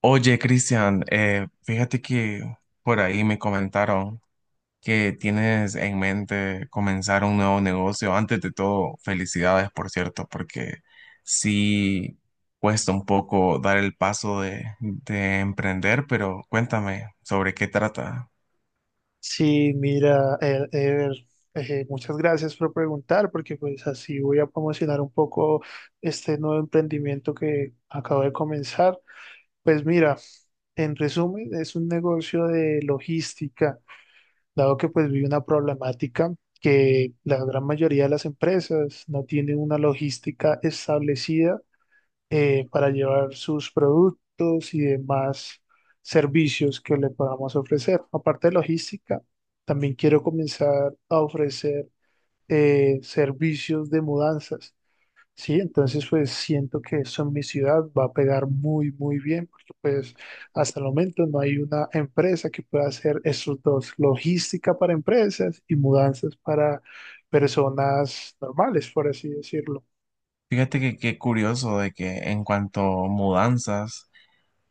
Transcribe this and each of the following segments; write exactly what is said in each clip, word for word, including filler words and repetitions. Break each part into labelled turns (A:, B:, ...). A: Oye, Cristian, eh, fíjate que por ahí me comentaron que tienes en mente comenzar un nuevo negocio. Antes de todo, felicidades, por cierto, porque sí cuesta un poco dar el paso de, de emprender, pero cuéntame sobre qué trata.
B: Sí, mira, eh, Ever, eh, muchas gracias por preguntar, porque pues así voy a promocionar un poco este nuevo emprendimiento que acabo de comenzar. Pues mira, en resumen, es un negocio de logística, dado que pues vi una problemática que la gran mayoría de las empresas no tienen una logística establecida eh, para llevar sus productos y demás servicios que le podamos ofrecer. Aparte de logística, también quiero comenzar a ofrecer eh, servicios de mudanzas. Sí, entonces pues siento que eso en mi ciudad va a pegar muy, muy bien, porque pues hasta el momento no hay una empresa que pueda hacer esos dos, logística para empresas y mudanzas para personas normales, por así decirlo.
A: Fíjate que qué curioso de que en cuanto a mudanzas,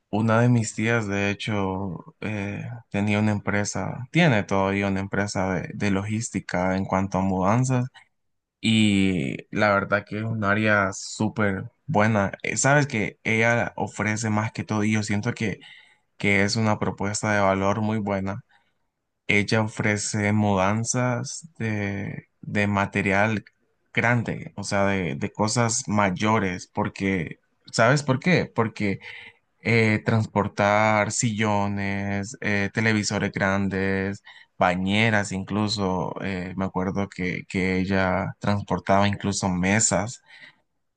A: una de mis tías, de hecho, eh, tenía una empresa, tiene todavía una empresa de de logística en cuanto a mudanzas. Y la verdad que es un área súper buena. Eh, Sabes que ella ofrece más que todo, y yo siento que, que es una propuesta de valor muy buena. Ella ofrece mudanzas de, de material grande, o sea, de, de cosas mayores, porque, ¿sabes por qué? Porque eh, transportar sillones, eh, televisores grandes, bañeras incluso. Eh, me acuerdo que, que ella transportaba incluso mesas.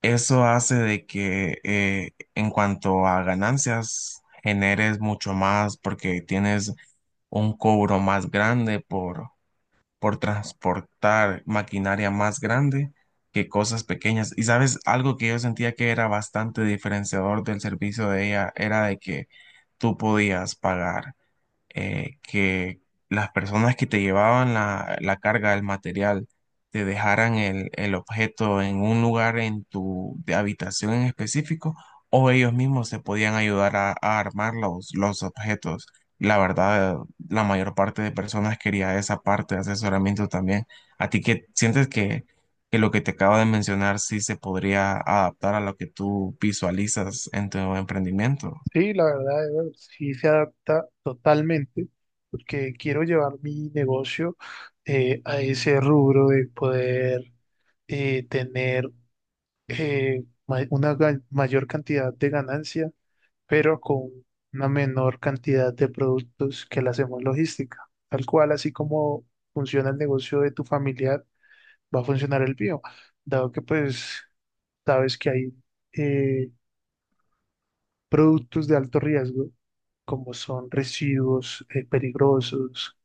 A: Eso hace de que eh, en cuanto a ganancias generes mucho más porque tienes un cobro más grande por por transportar maquinaria más grande que cosas pequeñas. Y sabes, algo que yo sentía que era bastante diferenciador del servicio de ella era de que tú podías pagar eh, que las personas que te llevaban la, la carga, el material, te dejaran el, el objeto en un lugar en tu de habitación en específico, o ellos mismos se podían ayudar a, a armar los, los objetos. La verdad, la mayor parte de personas quería esa parte de asesoramiento también. ¿A ti que sientes que, que lo que te acabo de mencionar sí se podría adaptar a lo que tú visualizas en tu emprendimiento?
B: Sí, la verdad, Ever, sí se adapta totalmente, porque quiero llevar mi negocio eh, a ese rubro de poder eh, tener eh, ma- una ga- mayor cantidad de ganancia, pero con una menor cantidad de productos que la hacemos logística. Tal cual, así como funciona el negocio de tu familiar, va a funcionar el mío, dado que pues sabes que hay eh, productos de alto riesgo, como son residuos eh, peligrosos,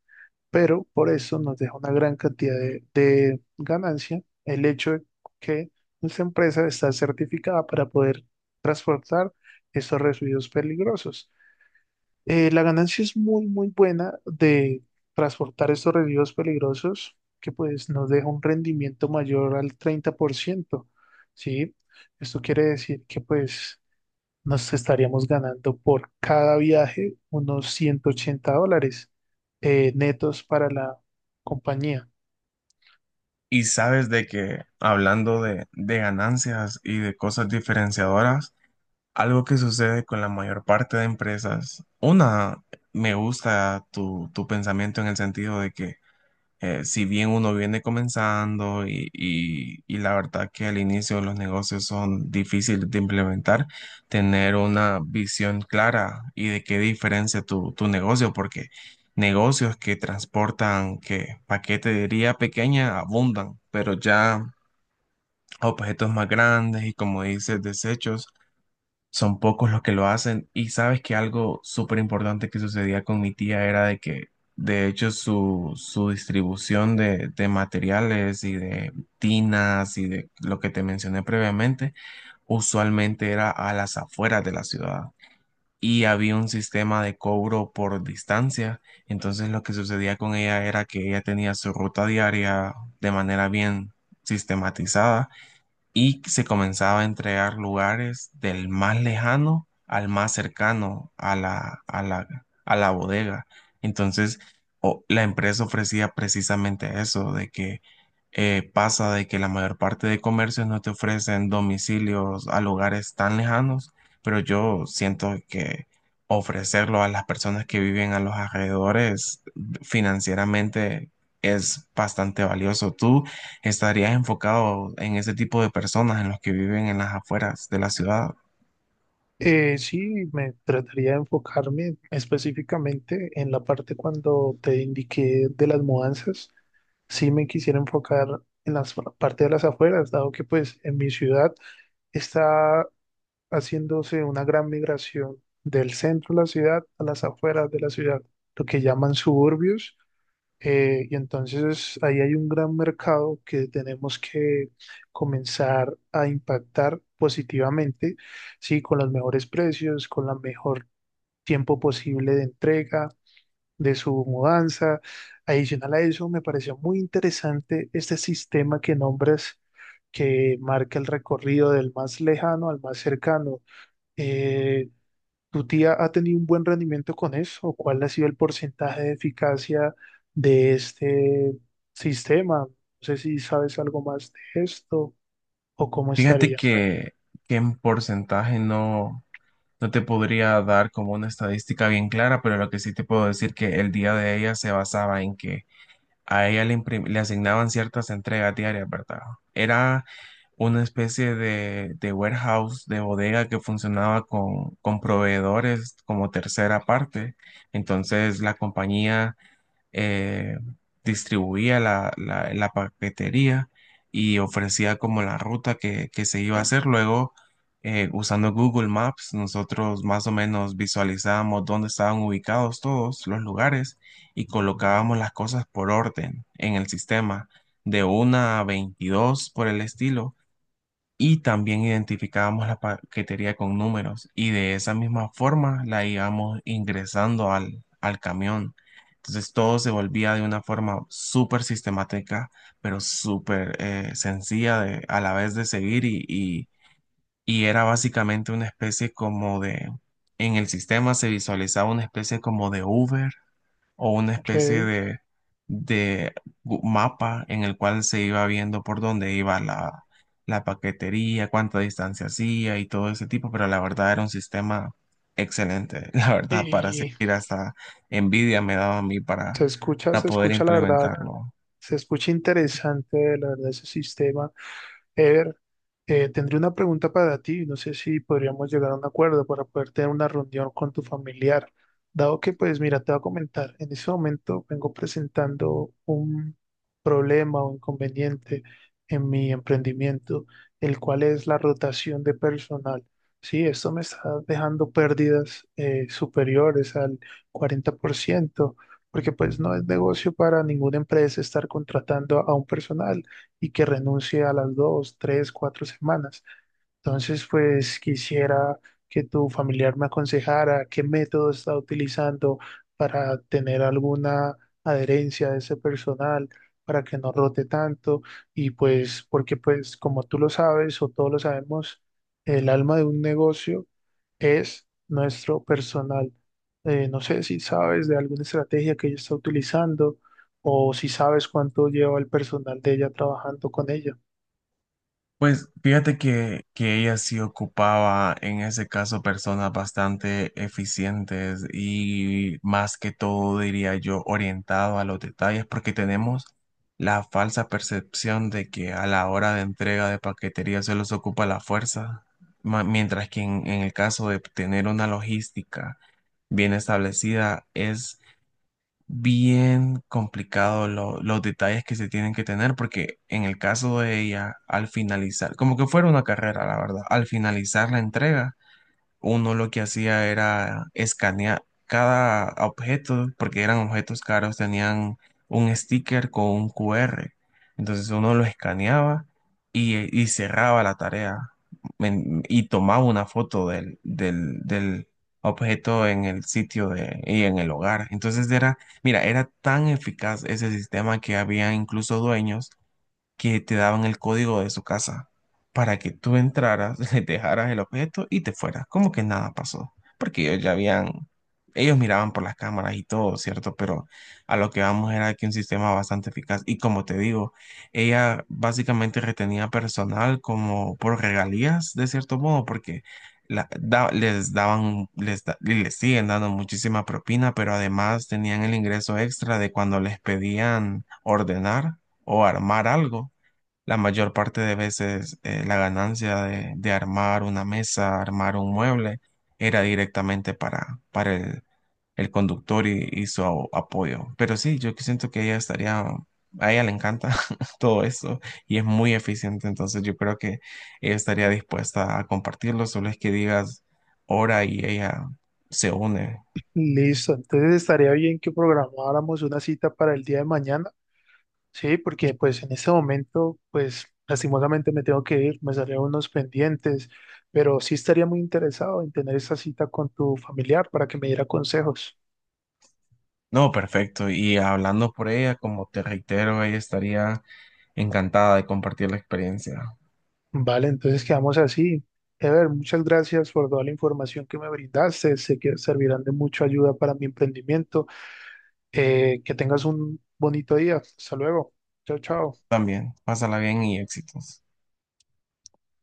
B: pero por eso nos deja una gran cantidad de, de ganancia el hecho de que nuestra empresa está certificada para poder transportar estos residuos peligrosos. Eh, la ganancia es muy, muy buena de transportar estos residuos peligrosos, que pues nos deja un rendimiento mayor al treinta por ciento, ¿sí? Esto quiere decir que pues nos estaríamos ganando por cada viaje unos ciento ochenta dólares eh, netos para la compañía.
A: Y sabes de que hablando de, de ganancias y de cosas diferenciadoras, algo que sucede con la mayor parte de empresas, una, me gusta tu, tu pensamiento en el sentido de que eh, si bien uno viene comenzando y, y- y la verdad que al inicio los negocios son difíciles de implementar, tener una visión clara y de qué diferencia tu, tu negocio, porque negocios que transportan, que paquetería pequeña abundan, pero ya objetos más grandes y como dices, desechos. Son pocos los que lo hacen. Y sabes que algo súper importante que sucedía con mi tía era de que, de hecho, su, su distribución de, de materiales y de tinas y de lo que te mencioné previamente, usualmente era a las afueras de la ciudad. Y había un sistema de cobro por distancia. Entonces lo que sucedía con ella era que ella tenía su ruta diaria de manera bien sistematizada y se comenzaba a entregar lugares del más lejano al más cercano a la, a la, a la bodega. Entonces, o- la empresa ofrecía precisamente eso, de que eh, pasa de que la mayor parte de comercios no te ofrecen domicilios a lugares tan lejanos, pero yo siento que ofrecerlo a las personas que viven a los alrededores financieramente es bastante valioso. ¿Tú estarías enfocado en ese tipo de personas, en los que viven en las afueras de la ciudad?
B: Eh, sí, me trataría de enfocarme específicamente en la parte cuando te indiqué de las mudanzas. Sí me quisiera enfocar en la parte de las afueras, dado que pues en mi ciudad está haciéndose una gran migración del centro de la ciudad a las afueras de la ciudad, lo que llaman suburbios. Eh, y entonces ahí hay un gran mercado que tenemos que comenzar a impactar positivamente, sí, con los mejores precios, con el mejor tiempo posible de entrega, de su mudanza. Adicional a eso, me pareció muy interesante este sistema que nombras, que marca el recorrido del más lejano al más cercano. Eh, ¿Tu tía ha tenido un buen rendimiento con eso? ¿Cuál ha sido el porcentaje de eficacia de este sistema? No sé si sabes algo más de esto o cómo
A: Fíjate
B: estaría.
A: que, que en porcentaje no, no te podría dar como una estadística bien clara, pero lo que sí te puedo decir que el día de ella se basaba en que a ella le, imprim- le asignaban ciertas entregas diarias, ¿verdad? Era una especie de, de warehouse, de bodega que funcionaba con, con proveedores como tercera parte. Entonces la compañía eh, distribuía la, la- la paquetería y ofrecía como la ruta que, que se iba a hacer. Luego, eh, usando Google Maps, nosotros más o menos visualizábamos dónde estaban ubicados todos los lugares y colocábamos las cosas por orden en el sistema, de una a veintidós por el estilo y también identificábamos la paquetería con números y de esa misma forma la íbamos ingresando al, al camión. Entonces todo se volvía de una forma súper sistemática, pero súper eh, sencilla de- a la vez de seguir y, y, y era básicamente una especie como de, en el sistema se visualizaba una especie como de Uber o una especie
B: Ok,
A: de, de gu- mapa en el cual se iba viendo por dónde iba la, la paquetería, cuánta distancia hacía y todo ese tipo, pero la verdad era un sistema excelente. La verdad, para
B: y
A: seguir hasta envidia me daba a mí para,
B: se escucha,
A: para
B: se
A: poder
B: escucha la verdad,
A: implementarlo.
B: se escucha interesante la verdad ese sistema. Eder, eh, tendré una pregunta para ti. No sé si podríamos llegar a un acuerdo para poder tener una reunión con tu familiar. Dado que, pues, mira, te voy a comentar, en ese momento vengo presentando un problema o inconveniente en mi emprendimiento, el cual es la rotación de personal. Sí, esto me está dejando pérdidas eh, superiores al cuarenta por ciento, porque pues no es negocio para ninguna empresa estar contratando a un personal y que renuncie a las dos, tres, cuatro semanas. Entonces, pues quisiera que tu familiar me aconsejara qué método está utilizando para tener alguna adherencia de ese personal, para que no rote tanto. Y pues, porque pues como tú lo sabes o todos lo sabemos, el alma de un negocio es nuestro personal. Eh, no sé si sabes de alguna estrategia que ella está utilizando o si sabes cuánto lleva el personal de ella trabajando con ella.
A: Pues fíjate que, que ella sí ocupaba en ese caso personas bastante eficientes y más que todo diría yo orientado a los detalles porque tenemos la falsa percepción de que a la hora de entrega de paquetería se los ocupa la fuerza, ma- mientras que en en el caso de tener una logística bien establecida es bien complicado lo- los detalles que se tienen que tener, porque en el caso de ella, al finalizar, como que fuera una carrera, la verdad, al finalizar la entrega uno lo que hacía era escanear cada objeto, porque eran objetos caros, tenían un sticker con un Q R. Entonces uno lo escaneaba y, eh, y cerraba la tarea men- y tomaba una foto del, del, del objeto en el sitio de, y en el hogar. Entonces era, mira, era tan eficaz ese sistema que había incluso dueños que te daban el código de su casa para que tú entraras, le dejaras el objeto y te fueras. Como que nada pasó, porque ellos ya habían, ellos miraban por las cámaras y todo, ¿cierto? Pero a lo que vamos era que un sistema bastante eficaz. Y como te digo, ella básicamente retenía personal como por regalías, de cierto modo, porque... la- da- les daban, les, da- y les siguen dando muchísima propina, pero además tenían el ingreso extra de cuando les pedían ordenar o armar algo. La mayor parte de veces eh, la ganancia de, de armar una mesa, armar un mueble, era directamente para, para el, el conductor y, y su a- apoyo. Pero sí, yo que siento que ella estaría, a ella le encanta todo eso y es muy eficiente, entonces yo creo que ella estaría dispuesta a compartirlo, solo es que digas hora y ella se une.
B: Listo, entonces estaría bien que programáramos una cita para el día de mañana, sí, porque pues en este momento, pues lastimosamente me tengo que ir, me salieron unos pendientes, pero sí estaría muy interesado en tener esa cita con tu familiar para que me diera consejos.
A: No, perfecto. Y hablando por ella, como te reitero, ella estaría encantada de compartir la experiencia.
B: Vale, entonces quedamos así. Ever, muchas gracias por toda la información que me brindaste, sé que servirán de mucha ayuda para mi emprendimiento. Eh, que tengas un bonito día, hasta luego, chao, chao.
A: También, pásala bien y éxitos.